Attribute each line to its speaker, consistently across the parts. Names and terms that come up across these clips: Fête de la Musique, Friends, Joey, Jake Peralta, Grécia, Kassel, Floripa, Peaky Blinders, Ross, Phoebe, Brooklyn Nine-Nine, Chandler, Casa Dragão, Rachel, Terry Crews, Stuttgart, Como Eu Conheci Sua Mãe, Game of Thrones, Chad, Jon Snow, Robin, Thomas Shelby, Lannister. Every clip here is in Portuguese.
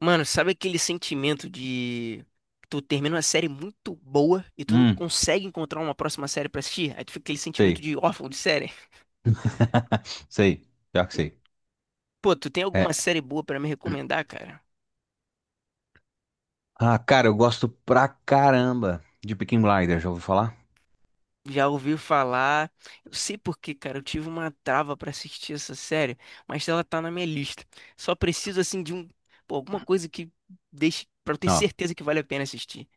Speaker 1: Mano, sabe aquele sentimento de tu termina uma série muito boa e tu não
Speaker 2: Hum,
Speaker 1: consegue encontrar uma próxima série pra assistir? Aí tu fica aquele sentimento
Speaker 2: sei.
Speaker 1: de órfão de série.
Speaker 2: Sei. Pior que
Speaker 1: E,
Speaker 2: sei.
Speaker 1: Pô, tu tem alguma
Speaker 2: É.
Speaker 1: série boa pra me recomendar, cara?
Speaker 2: Ah, cara, eu gosto pra caramba de Peaky Blinders, já ouviu falar?
Speaker 1: Já ouvi falar. Eu sei por quê, cara. Eu tive uma trava pra assistir essa série, mas ela tá na minha lista. Só preciso assim pô, alguma coisa que deixe pra eu ter
Speaker 2: Ó,
Speaker 1: certeza que vale a pena assistir.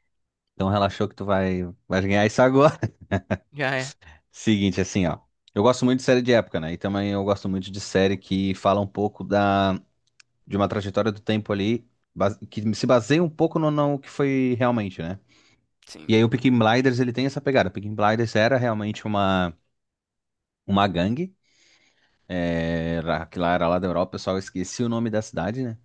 Speaker 2: então relaxou que tu vai ganhar isso agora.
Speaker 1: Já é.
Speaker 2: Seguinte, assim, ó. Eu gosto muito de série de época, né? E também eu gosto muito de série que fala um pouco de uma trajetória do tempo ali, que se baseia um pouco no que foi realmente, né?
Speaker 1: Sim.
Speaker 2: E aí o Peaky Blinders, ele tem essa pegada. O Peaky Blinders era realmente uma gangue, que lá era lá da Europa, o pessoal esquecia o nome da cidade, né?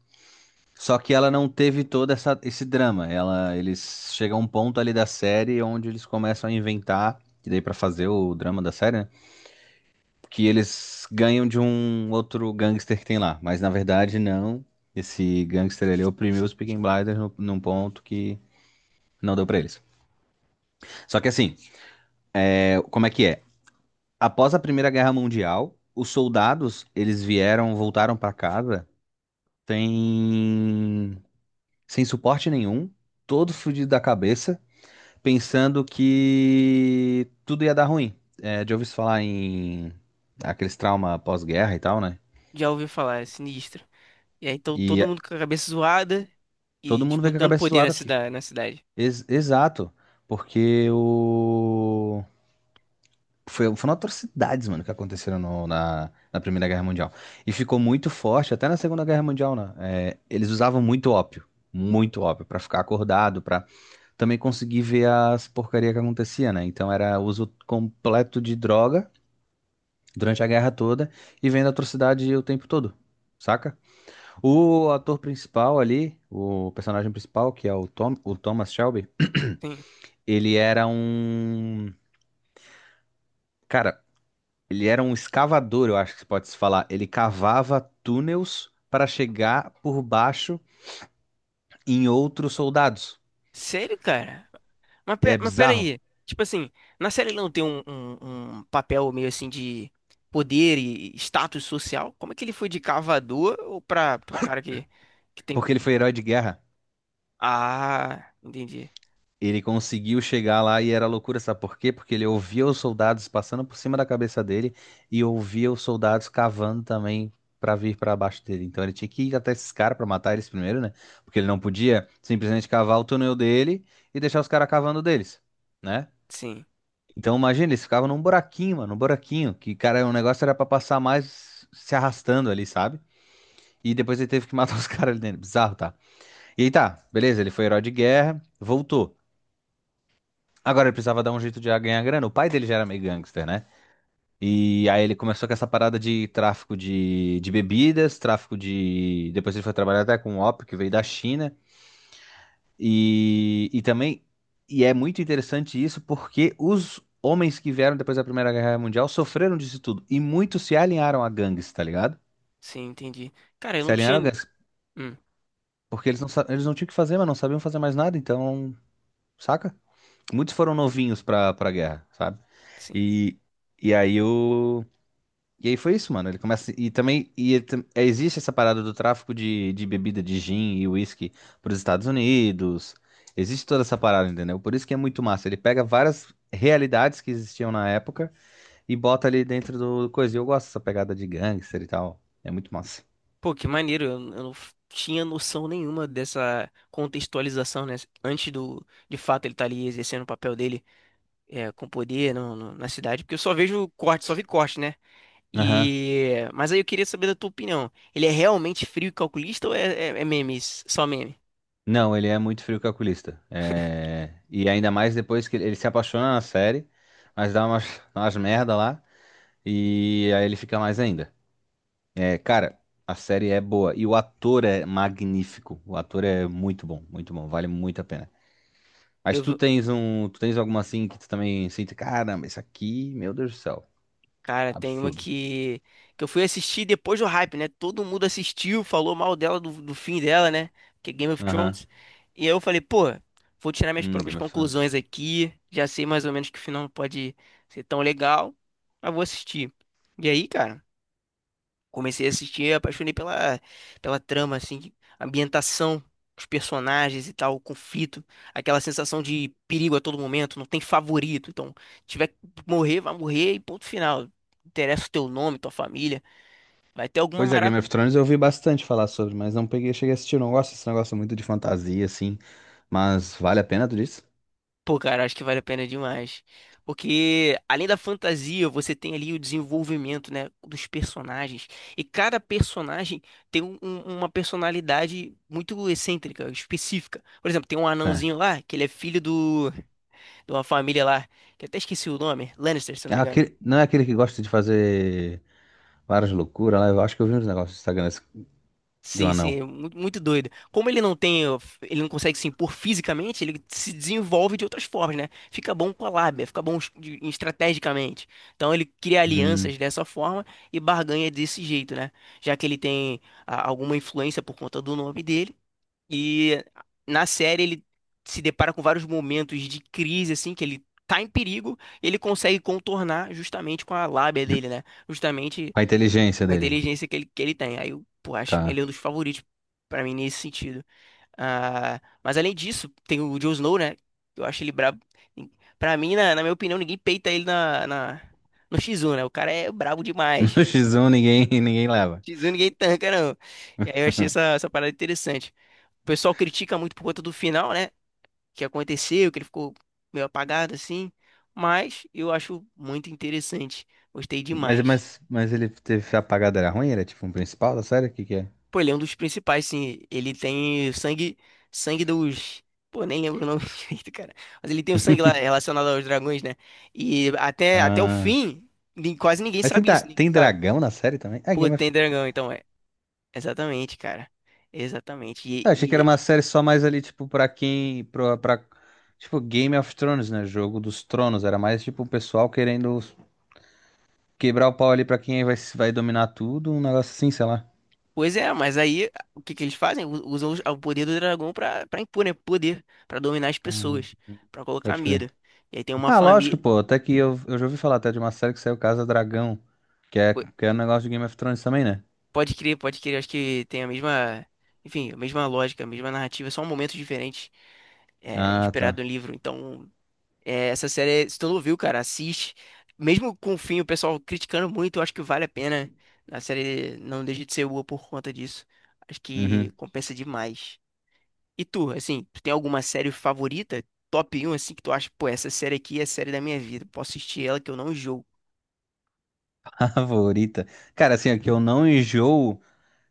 Speaker 2: Só que ela não teve todo essa, esse drama. Eles chegam a um ponto ali da série onde eles começam a inventar, e daí pra fazer o drama da série, né? Que eles ganham de um outro gangster que tem lá. Mas na verdade, não. Esse gangster ele oprimiu os Peaky Blinders num ponto que não deu pra eles. Só que assim, como é que é? Após a Primeira Guerra Mundial, os soldados, eles vieram, voltaram pra casa sem, sem suporte nenhum, todo fudido da cabeça pensando que tudo ia dar ruim. É, já ouvi se falar em aqueles trauma pós-guerra e tal, né?
Speaker 1: Já ouvi falar, é sinistra. E aí, então,
Speaker 2: E
Speaker 1: todo
Speaker 2: é,
Speaker 1: mundo com a cabeça zoada e
Speaker 2: todo mundo veio com a
Speaker 1: disputando
Speaker 2: cabeça
Speaker 1: poder na
Speaker 2: zoada aqui.
Speaker 1: cidade, na cidade.
Speaker 2: Exato, porque foram atrocidades, mano, que aconteceram na Primeira Guerra Mundial. E ficou muito forte, até na Segunda Guerra Mundial, né? É, eles usavam muito ópio, pra ficar acordado, pra também conseguir ver as porcaria que acontecia, né? Então era uso completo de droga durante a guerra toda e vendo atrocidade o tempo todo, saca? O ator principal ali, o personagem principal, que é o Tom, o Thomas Shelby,
Speaker 1: Sim.
Speaker 2: ele era um, cara, ele era um escavador, eu acho que pode se falar. Ele cavava túneis para chegar por baixo em outros soldados.
Speaker 1: Sério, cara? Mas,
Speaker 2: É bizarro,
Speaker 1: peraí. Tipo assim, na série não tem um papel meio assim de poder e status social? Como é que ele foi de cavador ou pra, pra um cara que tem.
Speaker 2: porque ele foi herói de guerra.
Speaker 1: Ah, entendi.
Speaker 2: Ele conseguiu chegar lá e era loucura, sabe por quê? Porque ele ouvia os soldados passando por cima da cabeça dele e ouvia os soldados cavando também pra vir pra baixo dele. Então ele tinha que ir até esses caras pra matar eles primeiro, né? Porque ele não podia simplesmente cavar o túnel dele e deixar os caras cavando deles, né?
Speaker 1: Sim,
Speaker 2: Então imagina, eles ficavam num buraquinho, mano, num buraquinho, que cara, o negócio era pra passar mais se arrastando ali, sabe? E depois ele teve que matar os caras ali dentro. Bizarro, tá? E aí tá, beleza, ele foi herói de guerra, voltou. Agora ele precisava dar um jeito de ganhar grana. O pai dele já era meio gangster, né? E aí ele começou com essa parada de tráfico de bebidas, tráfico de. Depois ele foi trabalhar até com o ópio, que veio da China. E também. E é muito interessante isso porque os homens que vieram depois da Primeira Guerra Mundial sofreram disso tudo. E muitos se alinharam a gangues, tá ligado?
Speaker 1: sim, entendi. Cara, eu
Speaker 2: Se
Speaker 1: não
Speaker 2: alinharam a
Speaker 1: tinha.
Speaker 2: gangues.
Speaker 1: Hum,
Speaker 2: Porque eles não tinham o que fazer, mas não sabiam fazer mais nada, então. Saca? Muitos foram novinhos pra guerra, sabe?
Speaker 1: sim.
Speaker 2: E, e aí o. E aí foi isso, mano. Ele começa. E também. Existe essa parada do tráfico de bebida de gin e whisky para os Estados Unidos. Existe toda essa parada, entendeu? Por isso que é muito massa. Ele pega várias realidades que existiam na época e bota ali dentro do coisa. E eu gosto dessa pegada de gangster e tal. É muito massa.
Speaker 1: Pô, que maneiro, eu não tinha noção nenhuma dessa contextualização, né? Antes de fato, ele tá ali exercendo o papel dele é, com poder na cidade, porque eu só vejo corte, só vi corte, né?
Speaker 2: Aham.
Speaker 1: E... Mas aí eu queria saber da tua opinião. Ele é realmente frio e calculista memes, só meme?
Speaker 2: Não, ele é muito frio calculista. É. E ainda mais depois que ele se apaixona na série, mas dá umas, umas merda lá. E aí ele fica mais ainda. É, cara, a série é boa e o ator é magnífico. O ator é muito bom, vale muito a pena. Mas tu tens alguma assim que tu também sente, caramba, isso aqui, meu Deus do céu,
Speaker 1: Cara, tem uma
Speaker 2: absurdo.
Speaker 1: que, que eu fui assistir depois do hype, né? Todo mundo assistiu, falou mal dela, do fim dela, né? Que é Game of
Speaker 2: Aham.
Speaker 1: Thrones. E aí eu falei, pô, vou tirar minhas próprias
Speaker 2: Game of Thrones.
Speaker 1: conclusões aqui. Já sei mais ou menos que o final não pode ser tão legal, mas vou assistir. E aí, cara? Comecei a assistir, apaixonei pela trama, assim, ambientação, os personagens e tal, o conflito, aquela sensação de perigo a todo momento, não tem favorito. Então, tiver que morrer, vai morrer e ponto final. Não interessa o teu nome, tua família. Vai ter alguma.
Speaker 2: Pois é, Game of Thrones eu ouvi bastante falar sobre, mas não peguei, cheguei a assistir, eu não gosto desse negócio muito de fantasia assim, mas vale a pena tu disse?
Speaker 1: Pô, cara, acho que vale a pena demais. Porque além da fantasia, você tem ali o desenvolvimento, né, dos personagens. E cada personagem tem uma personalidade muito excêntrica, específica. Por exemplo, tem um anãozinho
Speaker 2: Certo.
Speaker 1: lá, que ele é filho de uma família lá, que eu até esqueci o nome, Lannister, se eu não
Speaker 2: É
Speaker 1: me engano.
Speaker 2: aquele, não é aquele que gosta de fazer várias loucuras lá, eu acho que eu vi uns negócios no Instagram de um
Speaker 1: Sim, sim,
Speaker 2: anão.
Speaker 1: é muito doido. Como ele não tem, ele não consegue se impor fisicamente, ele se desenvolve de outras formas, né? Fica bom com a lábia, fica bom estrategicamente. Então ele cria
Speaker 2: Hum.
Speaker 1: alianças dessa forma e barganha desse jeito, né? Já que ele tem alguma influência por conta do nome dele. E na série ele se depara com vários momentos de crise, assim, que ele tá em perigo, ele consegue contornar justamente com a lábia dele, né? Justamente
Speaker 2: A inteligência
Speaker 1: com a
Speaker 2: dele.
Speaker 1: inteligência que ele tem. Aí eu, pô, acho ele
Speaker 2: Tá.
Speaker 1: é um dos favoritos pra mim nesse sentido. Ah, mas além disso, tem o Jon Snow, né? Eu acho ele brabo. Pra mim, na minha opinião, ninguém peita ele no X1, né? O cara é brabo demais.
Speaker 2: No X1 ninguém, ninguém leva.
Speaker 1: X1 ninguém tanca, não. E aí eu achei essa parada interessante. O pessoal critica muito por conta do final, né? Que aconteceu, que ele ficou meio apagado assim. Mas eu acho muito interessante. Gostei
Speaker 2: Mas,
Speaker 1: demais.
Speaker 2: mas, mas ele teve apagado, era ruim? Era tipo um principal da série? O que que é?
Speaker 1: Pô, ele é um dos principais, sim. Ele tem sangue, sangue dos. Pô, nem lembro o nome direito, cara. Mas ele tem o sangue lá relacionado aos dragões, né? E até o
Speaker 2: Ah,
Speaker 1: fim, quase ninguém
Speaker 2: mas tem,
Speaker 1: sabe isso,
Speaker 2: dra-
Speaker 1: ninguém
Speaker 2: tem
Speaker 1: sabe.
Speaker 2: dragão na série também? Ah,
Speaker 1: Pô,
Speaker 2: Game of.
Speaker 1: tem dragão, então é. Exatamente, cara. Exatamente.
Speaker 2: Eu achei que era uma série só mais ali, tipo, pra quem. Tipo, Game of Thrones, né? Jogo dos Tronos. Era mais, tipo, o pessoal querendo quebrar o pau ali pra quem vai dominar tudo. Um negócio assim, sei lá.
Speaker 1: Pois é, mas aí o que que eles fazem? Usam o poder do dragão pra impor, né? Poder, pra dominar as
Speaker 2: Ah,
Speaker 1: pessoas, pra colocar
Speaker 2: pode crer.
Speaker 1: medo. E aí tem uma
Speaker 2: Ah,
Speaker 1: família.
Speaker 2: lógico, pô. Até que eu já ouvi falar até de uma série que saiu Casa Dragão. Que é um negócio de Game of Thrones também, né?
Speaker 1: Pode crer, pode crer. Acho que tem enfim, a mesma lógica, a mesma narrativa, só um momento diferente, é,
Speaker 2: Ah, tá.
Speaker 1: inspirado no livro. Então, é, essa série, se tu não viu, cara, assiste. Mesmo com o fim, o pessoal criticando muito, eu acho que vale a pena. A série não deixa de ser boa por conta disso. Acho
Speaker 2: Uhum.
Speaker 1: que compensa demais. E tu, assim, tu tem alguma série favorita? Top um assim, que tu acha, pô, essa série aqui é a série da minha vida. Posso assistir ela que eu não jogo.
Speaker 2: Favorita. Cara, assim, é que eu não enjoo,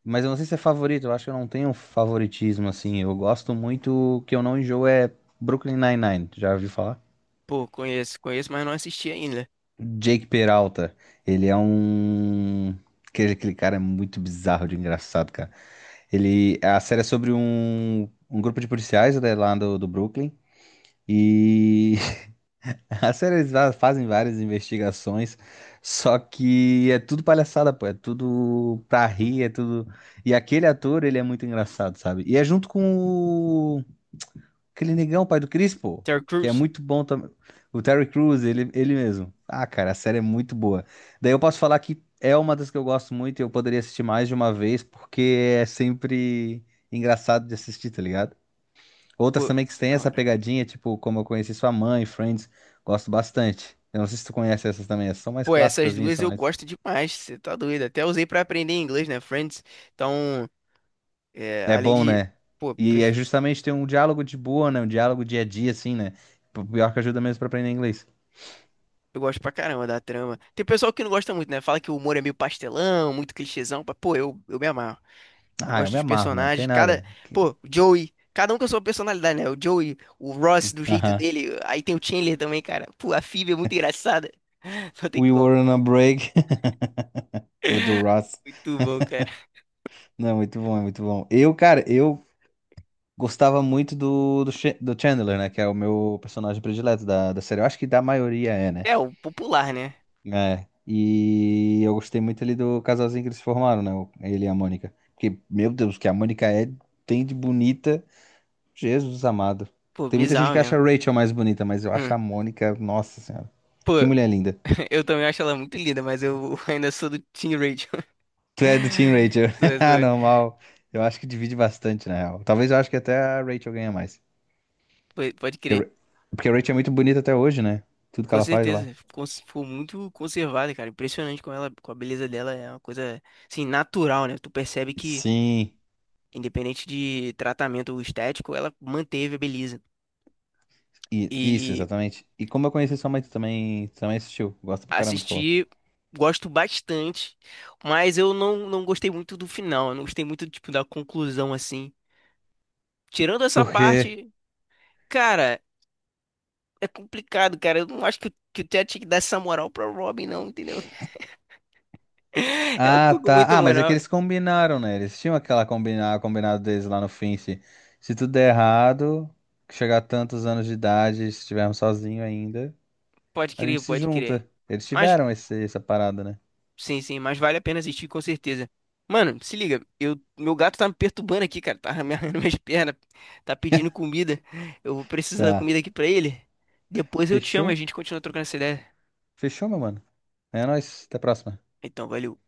Speaker 2: mas eu não sei se é favorito, eu acho que eu não tenho favoritismo, assim. Eu gosto muito, que eu não enjoo é Brooklyn Nine-Nine, já ouviu falar?
Speaker 1: Pô, conheço, conheço, mas não assisti ainda.
Speaker 2: Jake Peralta, ele é um. Aquele cara é muito bizarro de engraçado, cara. Ele. A série é sobre um grupo de policiais né, lá do Brooklyn, e a série eles fazem várias investigações, só que é tudo palhaçada, pô, é tudo pra rir, é tudo. E aquele ator, ele é muito engraçado, sabe? E é junto com o... aquele negão, pai do Chris, pô,
Speaker 1: Terry
Speaker 2: que é
Speaker 1: Crews,
Speaker 2: muito bom também. O Terry Crews, ele mesmo. Ah, cara, a série é muito boa. Daí eu posso falar que é uma das que eu gosto muito e eu poderia assistir mais de uma vez, porque é sempre engraçado de assistir, tá ligado? Outras
Speaker 1: pô,
Speaker 2: também que têm
Speaker 1: da
Speaker 2: essa
Speaker 1: hora.
Speaker 2: pegadinha, tipo Como Eu Conheci Sua Mãe, Friends, gosto bastante. Eu não sei se tu conhece essas também, essas são mais
Speaker 1: Pô, essas
Speaker 2: clássicas,
Speaker 1: duas
Speaker 2: são
Speaker 1: eu
Speaker 2: mais.
Speaker 1: gosto demais, você tá doido. Até usei pra aprender inglês, né, Friends? Então, é,
Speaker 2: É
Speaker 1: além
Speaker 2: bom,
Speaker 1: de.
Speaker 2: né?
Speaker 1: Pô,
Speaker 2: E é justamente ter um diálogo de boa, né? Um diálogo dia a dia, assim, né? Pior que ajuda mesmo pra aprender inglês.
Speaker 1: eu gosto pra caramba da trama. Tem pessoal que não gosta muito, né? Fala que o humor é meio pastelão, muito clichêzão. Mas, pô, eu me amarro.
Speaker 2: Ah, eu
Speaker 1: Gosto
Speaker 2: me
Speaker 1: dos
Speaker 2: amarro, mano, não tem
Speaker 1: personagens. Cada.
Speaker 2: nada.
Speaker 1: Pô, o Joey. Cada um com a sua personalidade, né? O Joey, o Ross do jeito
Speaker 2: Aham.
Speaker 1: dele. Aí tem o Chandler também, cara. Pô, a Phoebe é muito engraçada. Não tem
Speaker 2: We
Speaker 1: como.
Speaker 2: were on a break, o do Ross.
Speaker 1: Muito bom, cara.
Speaker 2: Não, muito bom, é muito bom. Eu, cara, eu gostava muito do Chandler, né? Que é o meu personagem predileto da série. Eu acho que da maioria é, né?
Speaker 1: É, o popular, né?
Speaker 2: É, e eu gostei muito ali do casalzinho que eles formaram, né? Ele e a Mônica. Porque, meu Deus, o que a Mônica é, tem de bonita, Jesus amado.
Speaker 1: Pô,
Speaker 2: Tem muita gente
Speaker 1: bizarro
Speaker 2: que acha
Speaker 1: mesmo.
Speaker 2: a Rachel mais bonita, mas eu acho
Speaker 1: Hum.
Speaker 2: a Mônica, nossa senhora.
Speaker 1: Pô.
Speaker 2: Que mulher linda.
Speaker 1: Eu também acho ela muito linda, mas eu ainda sou do Team Rachel.
Speaker 2: Tu é do Team Rachel.
Speaker 1: Sou-
Speaker 2: Ah,
Speaker 1: sou-
Speaker 2: normal. Eu acho que divide bastante, na real. Talvez eu acho que até a Rachel ganha mais.
Speaker 1: Pode
Speaker 2: Porque, a
Speaker 1: crer.
Speaker 2: Ra- porque a Rachel é muito bonita até hoje, né? Tudo que
Speaker 1: Com
Speaker 2: ela faz lá.
Speaker 1: certeza. Ficou muito conservada, cara. Impressionante com ela, com a beleza dela. É uma coisa, assim, natural, né? Tu percebe que,
Speaker 2: Sim,
Speaker 1: independente de tratamento estético, ela manteve a beleza.
Speaker 2: isso,
Speaker 1: E
Speaker 2: exatamente. E como eu conheci sua mãe, tu também, assistiu. Gosta pra caramba, tu falou.
Speaker 1: assistir, gosto bastante, mas eu não, não gostei muito do final. Eu não gostei muito, tipo, da conclusão, assim. Tirando essa
Speaker 2: Porque
Speaker 1: parte, cara. É complicado, cara. Eu não acho que o Chad tinha que dar essa moral pra Robin, não, entendeu? Ela
Speaker 2: Ah,
Speaker 1: ficou com muita
Speaker 2: tá. Ah, mas é que
Speaker 1: moral.
Speaker 2: eles combinaram, né? Eles tinham aquela combinado deles lá no fim. Se tudo der errado, que chegar a tantos anos de idade, se estivermos sozinhos ainda,
Speaker 1: Pode
Speaker 2: a
Speaker 1: crer,
Speaker 2: gente se
Speaker 1: pode crer.
Speaker 2: junta. Eles
Speaker 1: Mas,
Speaker 2: tiveram essa parada, né?
Speaker 1: sim, sim, mas vale a pena assistir com certeza. Mano, se liga, meu gato tá me perturbando aqui, cara. Tá amarrando minhas pernas, tá pedindo comida. Eu vou precisar da
Speaker 2: Tá.
Speaker 1: comida aqui pra ele. Depois eu te chamo e a
Speaker 2: Fechou?
Speaker 1: gente continua trocando essa ideia.
Speaker 2: Fechou, meu mano. É nóis. Até a próxima.
Speaker 1: Então, valeu.